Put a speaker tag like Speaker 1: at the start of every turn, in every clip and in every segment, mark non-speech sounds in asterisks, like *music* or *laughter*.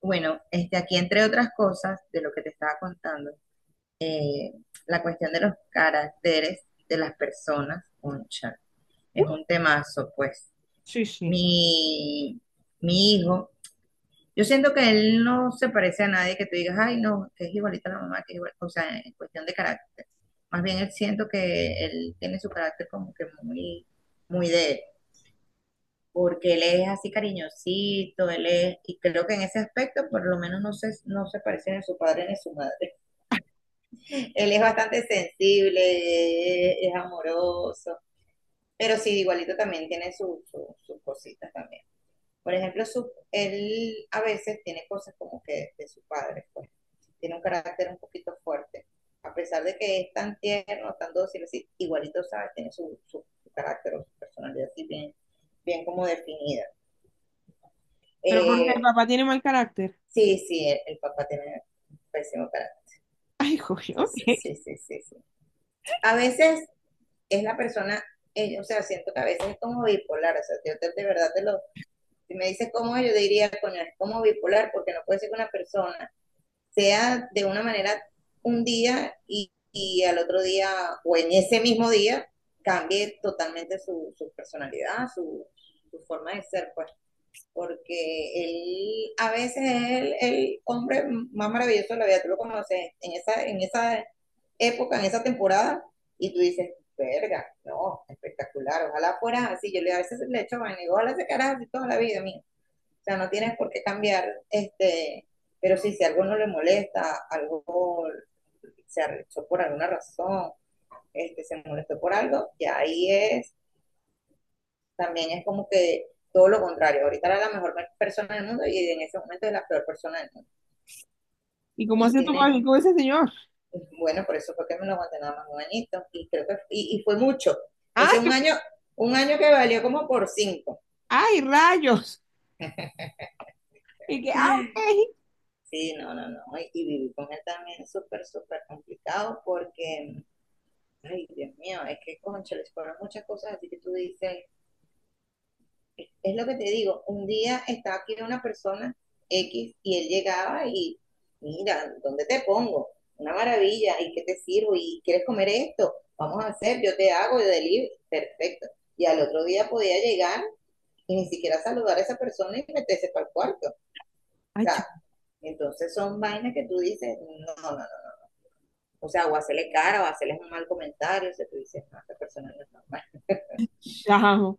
Speaker 1: Bueno, este, aquí entre otras cosas de lo que te estaba contando, eh, la cuestión de los caracteres de las personas, concha, es un temazo, pues.
Speaker 2: Sí, sí.
Speaker 1: Mi, mi hijo, yo siento que él no se parece a nadie que tú digas, ay, no, que es igualita a la mamá, que es igual, o sea, en cuestión de carácter. Más bien él siento que él tiene su carácter como que muy, muy de él porque él es así cariñosito, él es, y creo que en ese aspecto por lo menos no se parece ni a su padre ni a su madre. *laughs* Él es bastante sensible, es amoroso, pero sí, igualito también tiene sus cositas también. Por ejemplo, él a veces tiene cosas como que de su padre, pues tiene un carácter un poquito fuerte. A pesar de que es tan tierno, tan dócil, así, igualito, ¿sabes? Tiene su, su, su carácter o su personalidad así bien, bien como definida.
Speaker 2: Pero porque el
Speaker 1: Eh,
Speaker 2: papá tiene mal carácter.
Speaker 1: Sí, sí, el papá tiene pésimo carácter.
Speaker 2: *laughs* Ay, joder,
Speaker 1: Entonces,
Speaker 2: ok.
Speaker 1: sí, sí, sí, sí. A veces es la persona, o sea, siento que a veces es como bipolar, o sea, de verdad te lo, si me dices cómo es, yo diría, coño, es como bipolar, porque no puede ser que una persona sea de una manera un día y al otro día, o en ese mismo día, cambie totalmente su personalidad, su forma de ser, pues. Porque él a veces es el hombre más maravilloso de la vida, tú lo conoces en esa época, en esa temporada, y tú dices, verga, no, espectacular, ojalá fuera así, yo le a veces le echo vaina, y digo, ojalá se quedara así toda la vida, mía. O sea, no tienes por qué cambiar, este, pero sí, si algo no le molesta, algo se arrechó por alguna razón, este, se molestó por algo, y ahí es también es como que todo lo contrario. Ahorita era la mejor persona del mundo y en ese momento es la peor persona del mundo.
Speaker 2: ¿Y cómo
Speaker 1: Entonces
Speaker 2: hace tu
Speaker 1: tiene,
Speaker 2: padre con ese señor?
Speaker 1: bueno, por eso fue que me lo aguanté nada más un añito y creo que, y fue mucho.
Speaker 2: ¡Ay,
Speaker 1: Ese un año que valió como por cinco.
Speaker 2: ay, rayos! Y que, ok.
Speaker 1: Sí, no, no, no. Y vivir con él también es súper, súper complicado porque, ay, Dios mío, es que, concha, les fueron muchas cosas así que tú dices, es lo que te digo, un día estaba aquí una persona X y él llegaba y, mira, ¿dónde te pongo? Una maravilla, ¿y qué te sirvo? ¿Y quieres comer esto? Vamos a hacer, yo te hago, yo delivery, perfecto. Y al otro día podía llegar y ni siquiera saludar a esa persona y meterse para el cuarto. O
Speaker 2: Ay, chao.
Speaker 1: sea, entonces son vainas que tú dices, no, no, no. O sea, o hacerle cara o hacerles un mal comentario, o sea, tú dices, no, esta persona no es normal.
Speaker 2: Chao.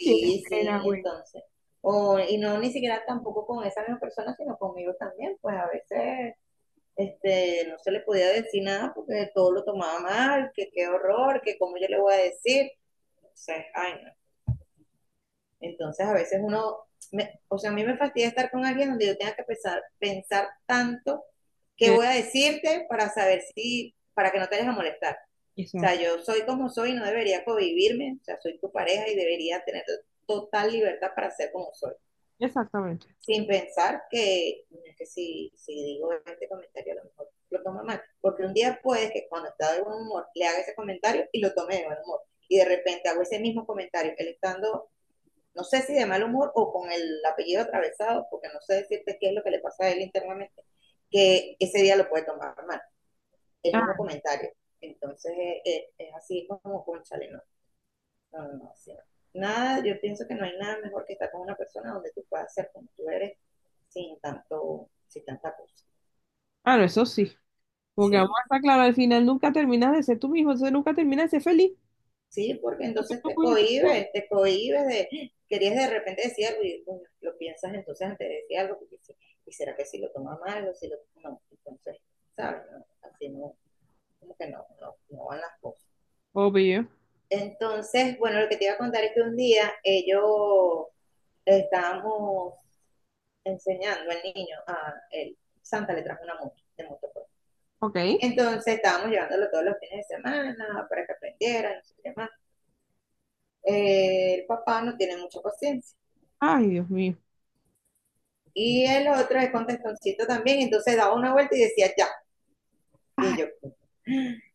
Speaker 2: Qué pena,
Speaker 1: sí,
Speaker 2: güey.
Speaker 1: entonces. O, y no ni siquiera tampoco con esa misma persona, sino conmigo también, pues a veces este, no se le podía decir nada porque todo lo tomaba mal, que qué horror, que cómo yo le voy a decir. Entonces, ay, no. Entonces a veces uno, o sea, a mí me fastidia estar con alguien donde yo tenga que pensar, pensar tanto qué
Speaker 2: Qué-
Speaker 1: voy a decirte para saber si, para que no te vayas a molestar. O sea,
Speaker 2: Exacto.
Speaker 1: yo soy como soy, y no debería convivirme, o sea, soy tu pareja y debería tener total libertad para ser como soy.
Speaker 2: Exactamente.
Speaker 1: Sin pensar que, si digo este comentario a lo mejor lo tomo mal, porque un día puede que cuando está de buen humor le haga ese comentario y lo tome de buen humor, y de repente hago ese mismo comentario, él estando, no sé si de mal humor o con el apellido atravesado, porque no sé decirte qué es lo que le pasa a él internamente, que ese día lo puede tomar mal, el
Speaker 2: Ah,
Speaker 1: mismo comentario. Entonces es así como, con chale, ¿no? No, no, no, sí. Nada, yo pienso que no hay nada mejor que estar con una persona donde tú puedas ser como tú eres sin tanto, sin tanta cosa.
Speaker 2: claro, eso sí. Porque vamos
Speaker 1: Sí,
Speaker 2: a estar claro, al final nunca terminas de ser tú mismo, entonces nunca terminas de ser feliz.
Speaker 1: sí, porque
Speaker 2: Lo que
Speaker 1: entonces
Speaker 2: tú puedes ser tú.
Speaker 1: te cohibes de, querías de repente decir algo y bueno, lo piensas entonces antes de decir algo, porque sí, y será que si lo toma mal o si lo, no, entonces, ¿sabes? No, así no, como que no, no, no van las cosas.
Speaker 2: Obvio.
Speaker 1: Entonces, bueno, lo que te iba a contar es que un día ellos estábamos enseñando al niño a él. Santa le trajo una moto de motocross.
Speaker 2: Ok.
Speaker 1: Entonces estábamos llevándolo todos los fines de semana para que aprendiera, no sé qué más. El papá no tiene mucha paciencia.
Speaker 2: Ay, Dios mío.
Speaker 1: Y el otro es contestoncito también, entonces daba una vuelta y decía ya. Y
Speaker 2: Ay,
Speaker 1: yo,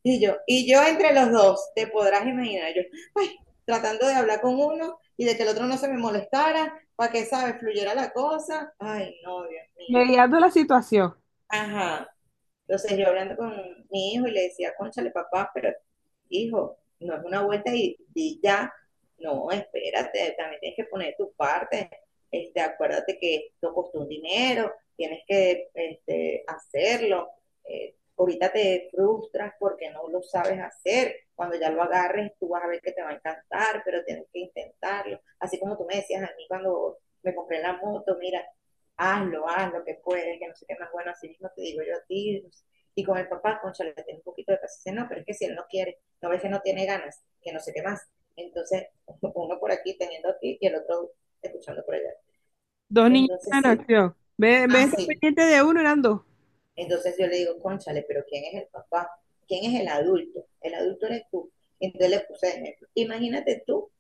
Speaker 1: y yo entre los dos, te podrás imaginar, yo, ay, tratando de hablar con uno y de que el otro no se me molestara, para que, ¿sabes?, fluyera la cosa. Ay, no, Dios mío.
Speaker 2: mediando la situación.
Speaker 1: Ajá. Entonces yo hablando con mi hijo y le decía, cónchale papá, pero hijo, no es una vuelta y ya, no, espérate, también tienes que poner tu parte, este, acuérdate que esto costó un dinero, tienes que este, hacerlo, ahorita te frustras porque no lo sabes hacer, cuando ya lo agarres tú vas a ver que te va a encantar, pero tienes que intentarlo, así como tú me decías a mí cuando me compré la moto, mira, hazlo, haz lo que puedes, que no sé qué más bueno, así mismo te digo yo a ti. Y con el papá, concha, le tengo un poquito de paciencia, no, pero es que si él no quiere, no ves que no tiene ganas, que no sé qué más. Entonces, *laughs* uno por aquí teniendo aquí y el otro escuchando por allá.
Speaker 2: Dos niños
Speaker 1: Entonces,
Speaker 2: en
Speaker 1: sí,
Speaker 2: acción. Ve, ve,
Speaker 1: así.
Speaker 2: pendiente de uno, eran dos.
Speaker 1: Entonces yo le digo, cónchale pero ¿quién es el papá? ¿Quién es el adulto? El adulto eres tú. Entonces le puse ejemplo. Imagínate tú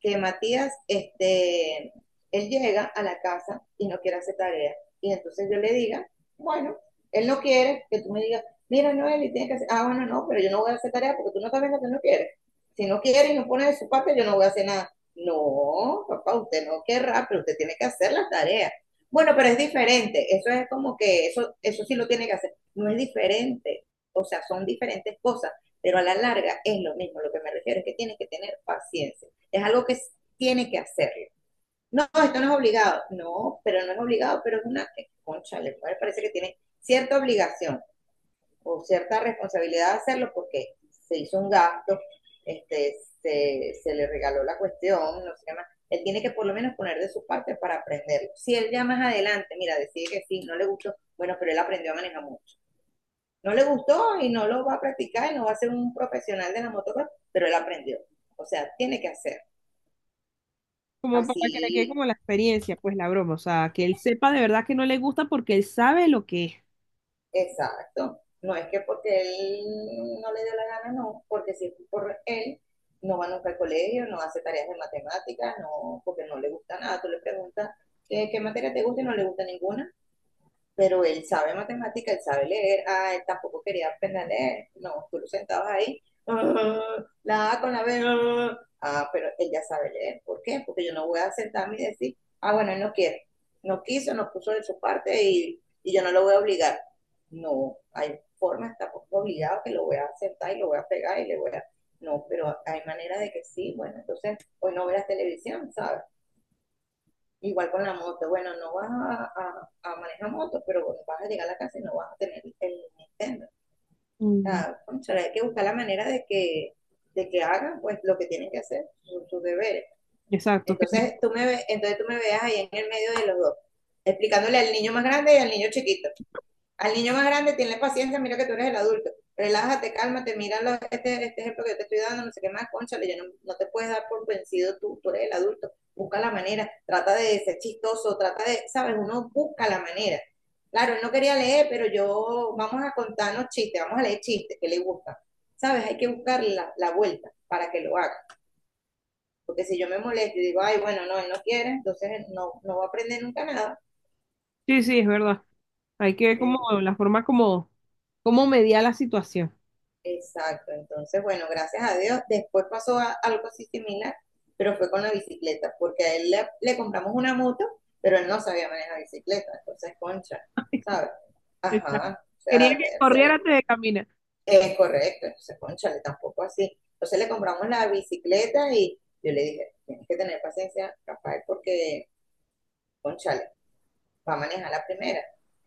Speaker 1: que Matías, este, él llega a la casa y no quiere hacer tarea. Y entonces yo le diga, bueno, él no quiere, que tú me digas, mira, Noel, y tienes que hacer, ah, bueno, no, pero yo no voy a hacer tarea porque tú no sabes lo que no quieres. Si no quiere y no pone de su parte, yo no voy a hacer nada. No, papá, usted no querrá, pero usted tiene que hacer las tareas. Bueno, pero es diferente. Eso es como que eso sí lo tiene que hacer. No es diferente. O sea, son diferentes cosas, pero a la larga es lo mismo. Lo que me refiero es que tienes que tener paciencia es algo que tiene que hacerlo. No, esto no es obligado. No, pero no es obligado, pero es una que, concha, le parece que tiene cierta obligación o cierta responsabilidad de hacerlo porque se hizo un gasto, este, se le regaló la cuestión, no sé qué más. Él tiene que por lo menos poner de su parte para aprenderlo. Si él ya más adelante, mira, decide que sí, no le gustó, bueno, pero él aprendió a manejar mucho. No le gustó y no lo va a practicar y no va a ser un profesional de la motocross, pero él aprendió. O sea, tiene que hacer.
Speaker 2: Como para que le quede
Speaker 1: Así
Speaker 2: como la experiencia, pues la broma. O sea, que él sepa de verdad que no le gusta porque él sabe lo que es.
Speaker 1: exacto. No es que porque él no le dé la gana, no, porque si es por él, no va nunca al colegio, no hace tareas de matemáticas, no, porque no le gusta nada. Tú le preguntas qué materia te gusta y no le gusta ninguna pero él sabe matemática, él sabe leer, ah, él tampoco quería aprender a leer, no, tú lo sentabas ahí, *laughs* ah, la A con la B, *laughs* ah, ah, pero él ya sabe leer, ¿por qué? Porque yo no voy a sentarme y decir, ah, bueno, él no quiere, no quiso, no puso de su parte y yo no lo voy a obligar. No, hay formas, tampoco obligado que lo voy a sentar y lo voy a pegar y le voy a... No, pero hay maneras de que sí, bueno, entonces hoy no verás televisión, ¿sabes? Igual con la moto, bueno, no vas a, a manejar moto, pero bueno, vas a llegar a la casa y no vas a tener el Nintendo. O
Speaker 2: Mm.
Speaker 1: sea, cónchale, hay que buscar la manera de que hagan pues lo que tienen que hacer, sus deberes.
Speaker 2: Exacto.
Speaker 1: Entonces tú me veas ahí en el medio de los dos, explicándole al niño más grande y al niño chiquito. Al niño más grande, tiene paciencia, mira que tú eres el adulto. Relájate, cálmate, mira este ejemplo que yo te estoy dando, no sé qué más, cónchale, yo no, no te puedes dar por vencido tú, eres el adulto. Busca la manera, trata de ser chistoso, trata de, ¿sabes? Uno busca la manera. Claro, él no quería leer, pero yo, vamos a contarnos chistes, vamos a leer chistes que le gustan. ¿Sabes? Hay que buscar la vuelta para que lo haga. Porque si yo me molesto y digo, ay, bueno, no, él no quiere, entonces no va a aprender nunca nada.
Speaker 2: Sí, sí, es verdad. Hay que ver como la forma como, como mediar la situación.
Speaker 1: Exacto, entonces, bueno, gracias a Dios. Después pasó algo así similar, pero fue con la bicicleta, porque a él le compramos una moto, pero él no sabía manejar bicicleta, entonces, concha,
Speaker 2: *laughs* Ay,
Speaker 1: ¿sabes? Ajá, o
Speaker 2: quería
Speaker 1: sea,
Speaker 2: que corriera antes de caminar.
Speaker 1: es correcto, entonces, concha, tampoco así. Entonces le compramos la bicicleta y yo le dije, tienes que tener paciencia, Rafael, porque, va a manejar la primera.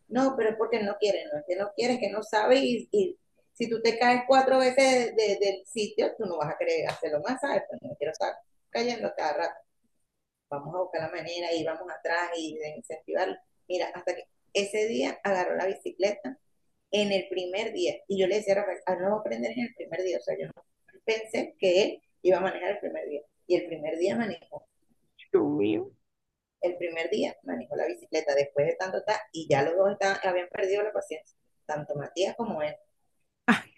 Speaker 1: No, pero es porque no quiere, no es que no quiere, es que no sabe y si tú te caes cuatro veces del sitio, tú no vas a querer hacerlo más, ¿sabes? Pues no quiero estar cayendo cada rato. Vamos a buscar la manera y vamos atrás y de incentivarlo. Mira, hasta que ese día agarró la bicicleta en el primer día. Y yo le decía a Rafael, ah, no va a aprender en el primer día. O sea, yo no pensé que él iba a manejar el primer día. Y el primer día manejó
Speaker 2: Dios mío.
Speaker 1: el primer día manejó la bicicleta después de tanto tal, y ya los dos habían perdido la paciencia, tanto Matías como él.
Speaker 2: Ay,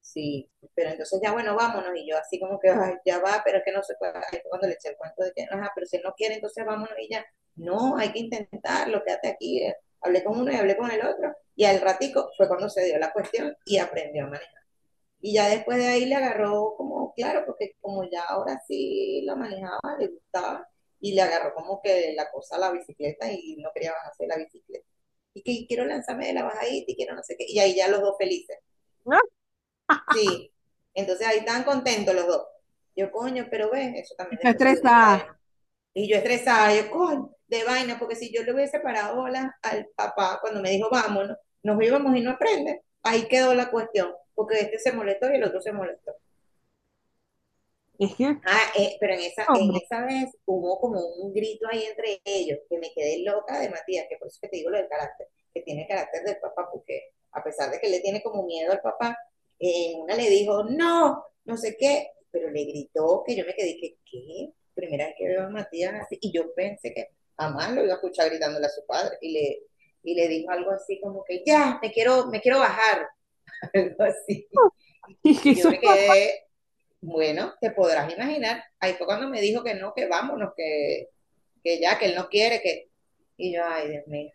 Speaker 1: Sí, pero entonces ya bueno, vámonos, y yo así como que "Ay, ya va, pero es que no se puede, cuando le eché el cuento de que, ajá, pero si él no quiere, entonces vámonos y ya, no, hay que intentarlo, quédate aquí, eh". Hablé con uno y hablé con el otro, y al ratico fue cuando se dio la cuestión y aprendió a manejar. Y ya después de ahí le agarró como, claro, porque como ya ahora sí la manejaba, le gustaba, y le agarró como que la cosa a la bicicleta y no quería bajarse de la bicicleta. Y quiero lanzarme de la bajadita y quiero no sé qué. Y ahí ya los dos felices.
Speaker 2: no,
Speaker 1: Sí. Entonces ahí estaban contentos los dos. Yo, coño, pero ven, eso también
Speaker 2: está
Speaker 1: después se lo dije a él.
Speaker 2: estresada.
Speaker 1: Y yo estresada, yo, coño, de vaina, porque si yo le hubiese parado bolas al papá cuando me dijo, vámonos, nos íbamos y no aprende, ahí quedó la cuestión, porque este se molestó y el otro se molestó.
Speaker 2: Es que,
Speaker 1: Ah, pero en en
Speaker 2: hombre,
Speaker 1: esa vez hubo como un grito ahí entre ellos, que me quedé loca de Matías, que por eso que te digo lo del carácter, que tiene el carácter del papá, porque a pesar de que le tiene como miedo al papá, una le dijo, no, no sé qué, pero le gritó que yo me quedé, que, ¿qué? Primera vez que veo a Matías así, y yo pensé que jamás lo iba a escuchar gritándole a su padre, y le dijo algo así como que, ya, me quiero bajar, *laughs* algo así.
Speaker 2: *laughs* es que eso
Speaker 1: Yo me
Speaker 2: es bastante
Speaker 1: quedé bueno, te podrás imaginar. Ahí fue cuando me dijo que no, que vámonos, que ya, que él no quiere, que. Y yo, ay, Dios mío.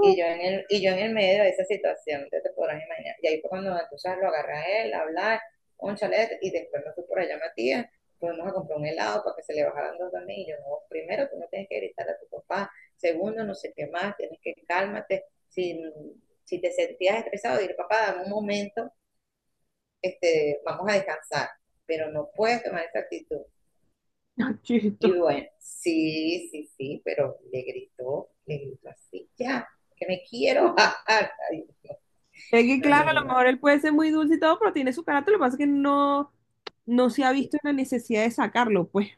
Speaker 1: Y yo y yo en el medio de esa situación, que te podrás imaginar. Y ahí fue cuando entonces lo agarré a él, a hablar, un chalet, y después me fui por allá a Matías, fuimos a comprar un helado para que se le bajaran dos también. Y yo, no, primero tú no tienes que gritar a tu papá, segundo, no sé qué más, tienes que cálmate. Si, si te sentías estresado, dile, papá, dame un momento, este, vamos a descansar, pero no puedes tomar esa actitud. Y
Speaker 2: chisto.
Speaker 1: bueno, sí, sí, sí, pero le gritó así, ya, que me quiero bajar. *laughs* Ay,
Speaker 2: Es que,
Speaker 1: no, no,
Speaker 2: claro,
Speaker 1: no,
Speaker 2: a
Speaker 1: no,
Speaker 2: lo
Speaker 1: no,
Speaker 2: mejor él puede ser muy dulce y todo, pero tiene su carácter. Lo que pasa es que no se ha
Speaker 1: sí,
Speaker 2: visto la necesidad de sacarlo, pues.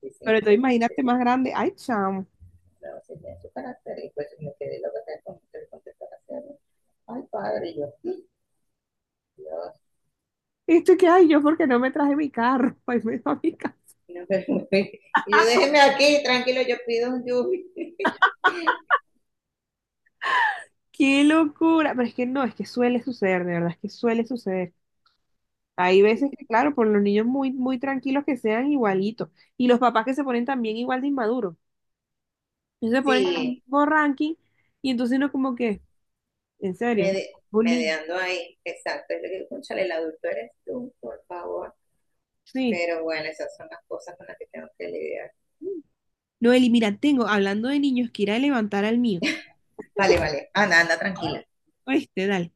Speaker 1: sí, sí,
Speaker 2: Pero
Speaker 1: no,
Speaker 2: entonces imagínate
Speaker 1: totalmente.
Speaker 2: más grande. Ay, chamo.
Speaker 1: No, sí, tiene su carácter, y pues me quedé loca con usted, ay, padre, y yo, Dios,
Speaker 2: Esto que hay yo porque no me traje mi carro. *laughs* Ay, me da mi carro.
Speaker 1: no, pero, y yo déjeme aquí, tranquilo, yo pido un yubi. *laughs*
Speaker 2: Qué locura. Pero es que no, es que suele suceder, de verdad, es que suele suceder. Hay veces
Speaker 1: Sí,
Speaker 2: que, claro, por los niños muy, muy tranquilos que sean igualitos. Y los papás que se ponen también igual de inmaduros. Entonces se ponen en el
Speaker 1: sí,
Speaker 2: mismo ranking y entonces uno como que, en serio, un niño.
Speaker 1: mediando ahí, exacto. Yo le digo, cónchale, el adulto eres tú, por favor.
Speaker 2: Sí.
Speaker 1: Pero bueno, esas son las cosas con las que tengo que lidiar.
Speaker 2: No, Eli, mira, tengo, hablando de niños, que ir a levantar al mío.
Speaker 1: Vale, vale. Anda, anda, tranquila.
Speaker 2: Oíste, dale.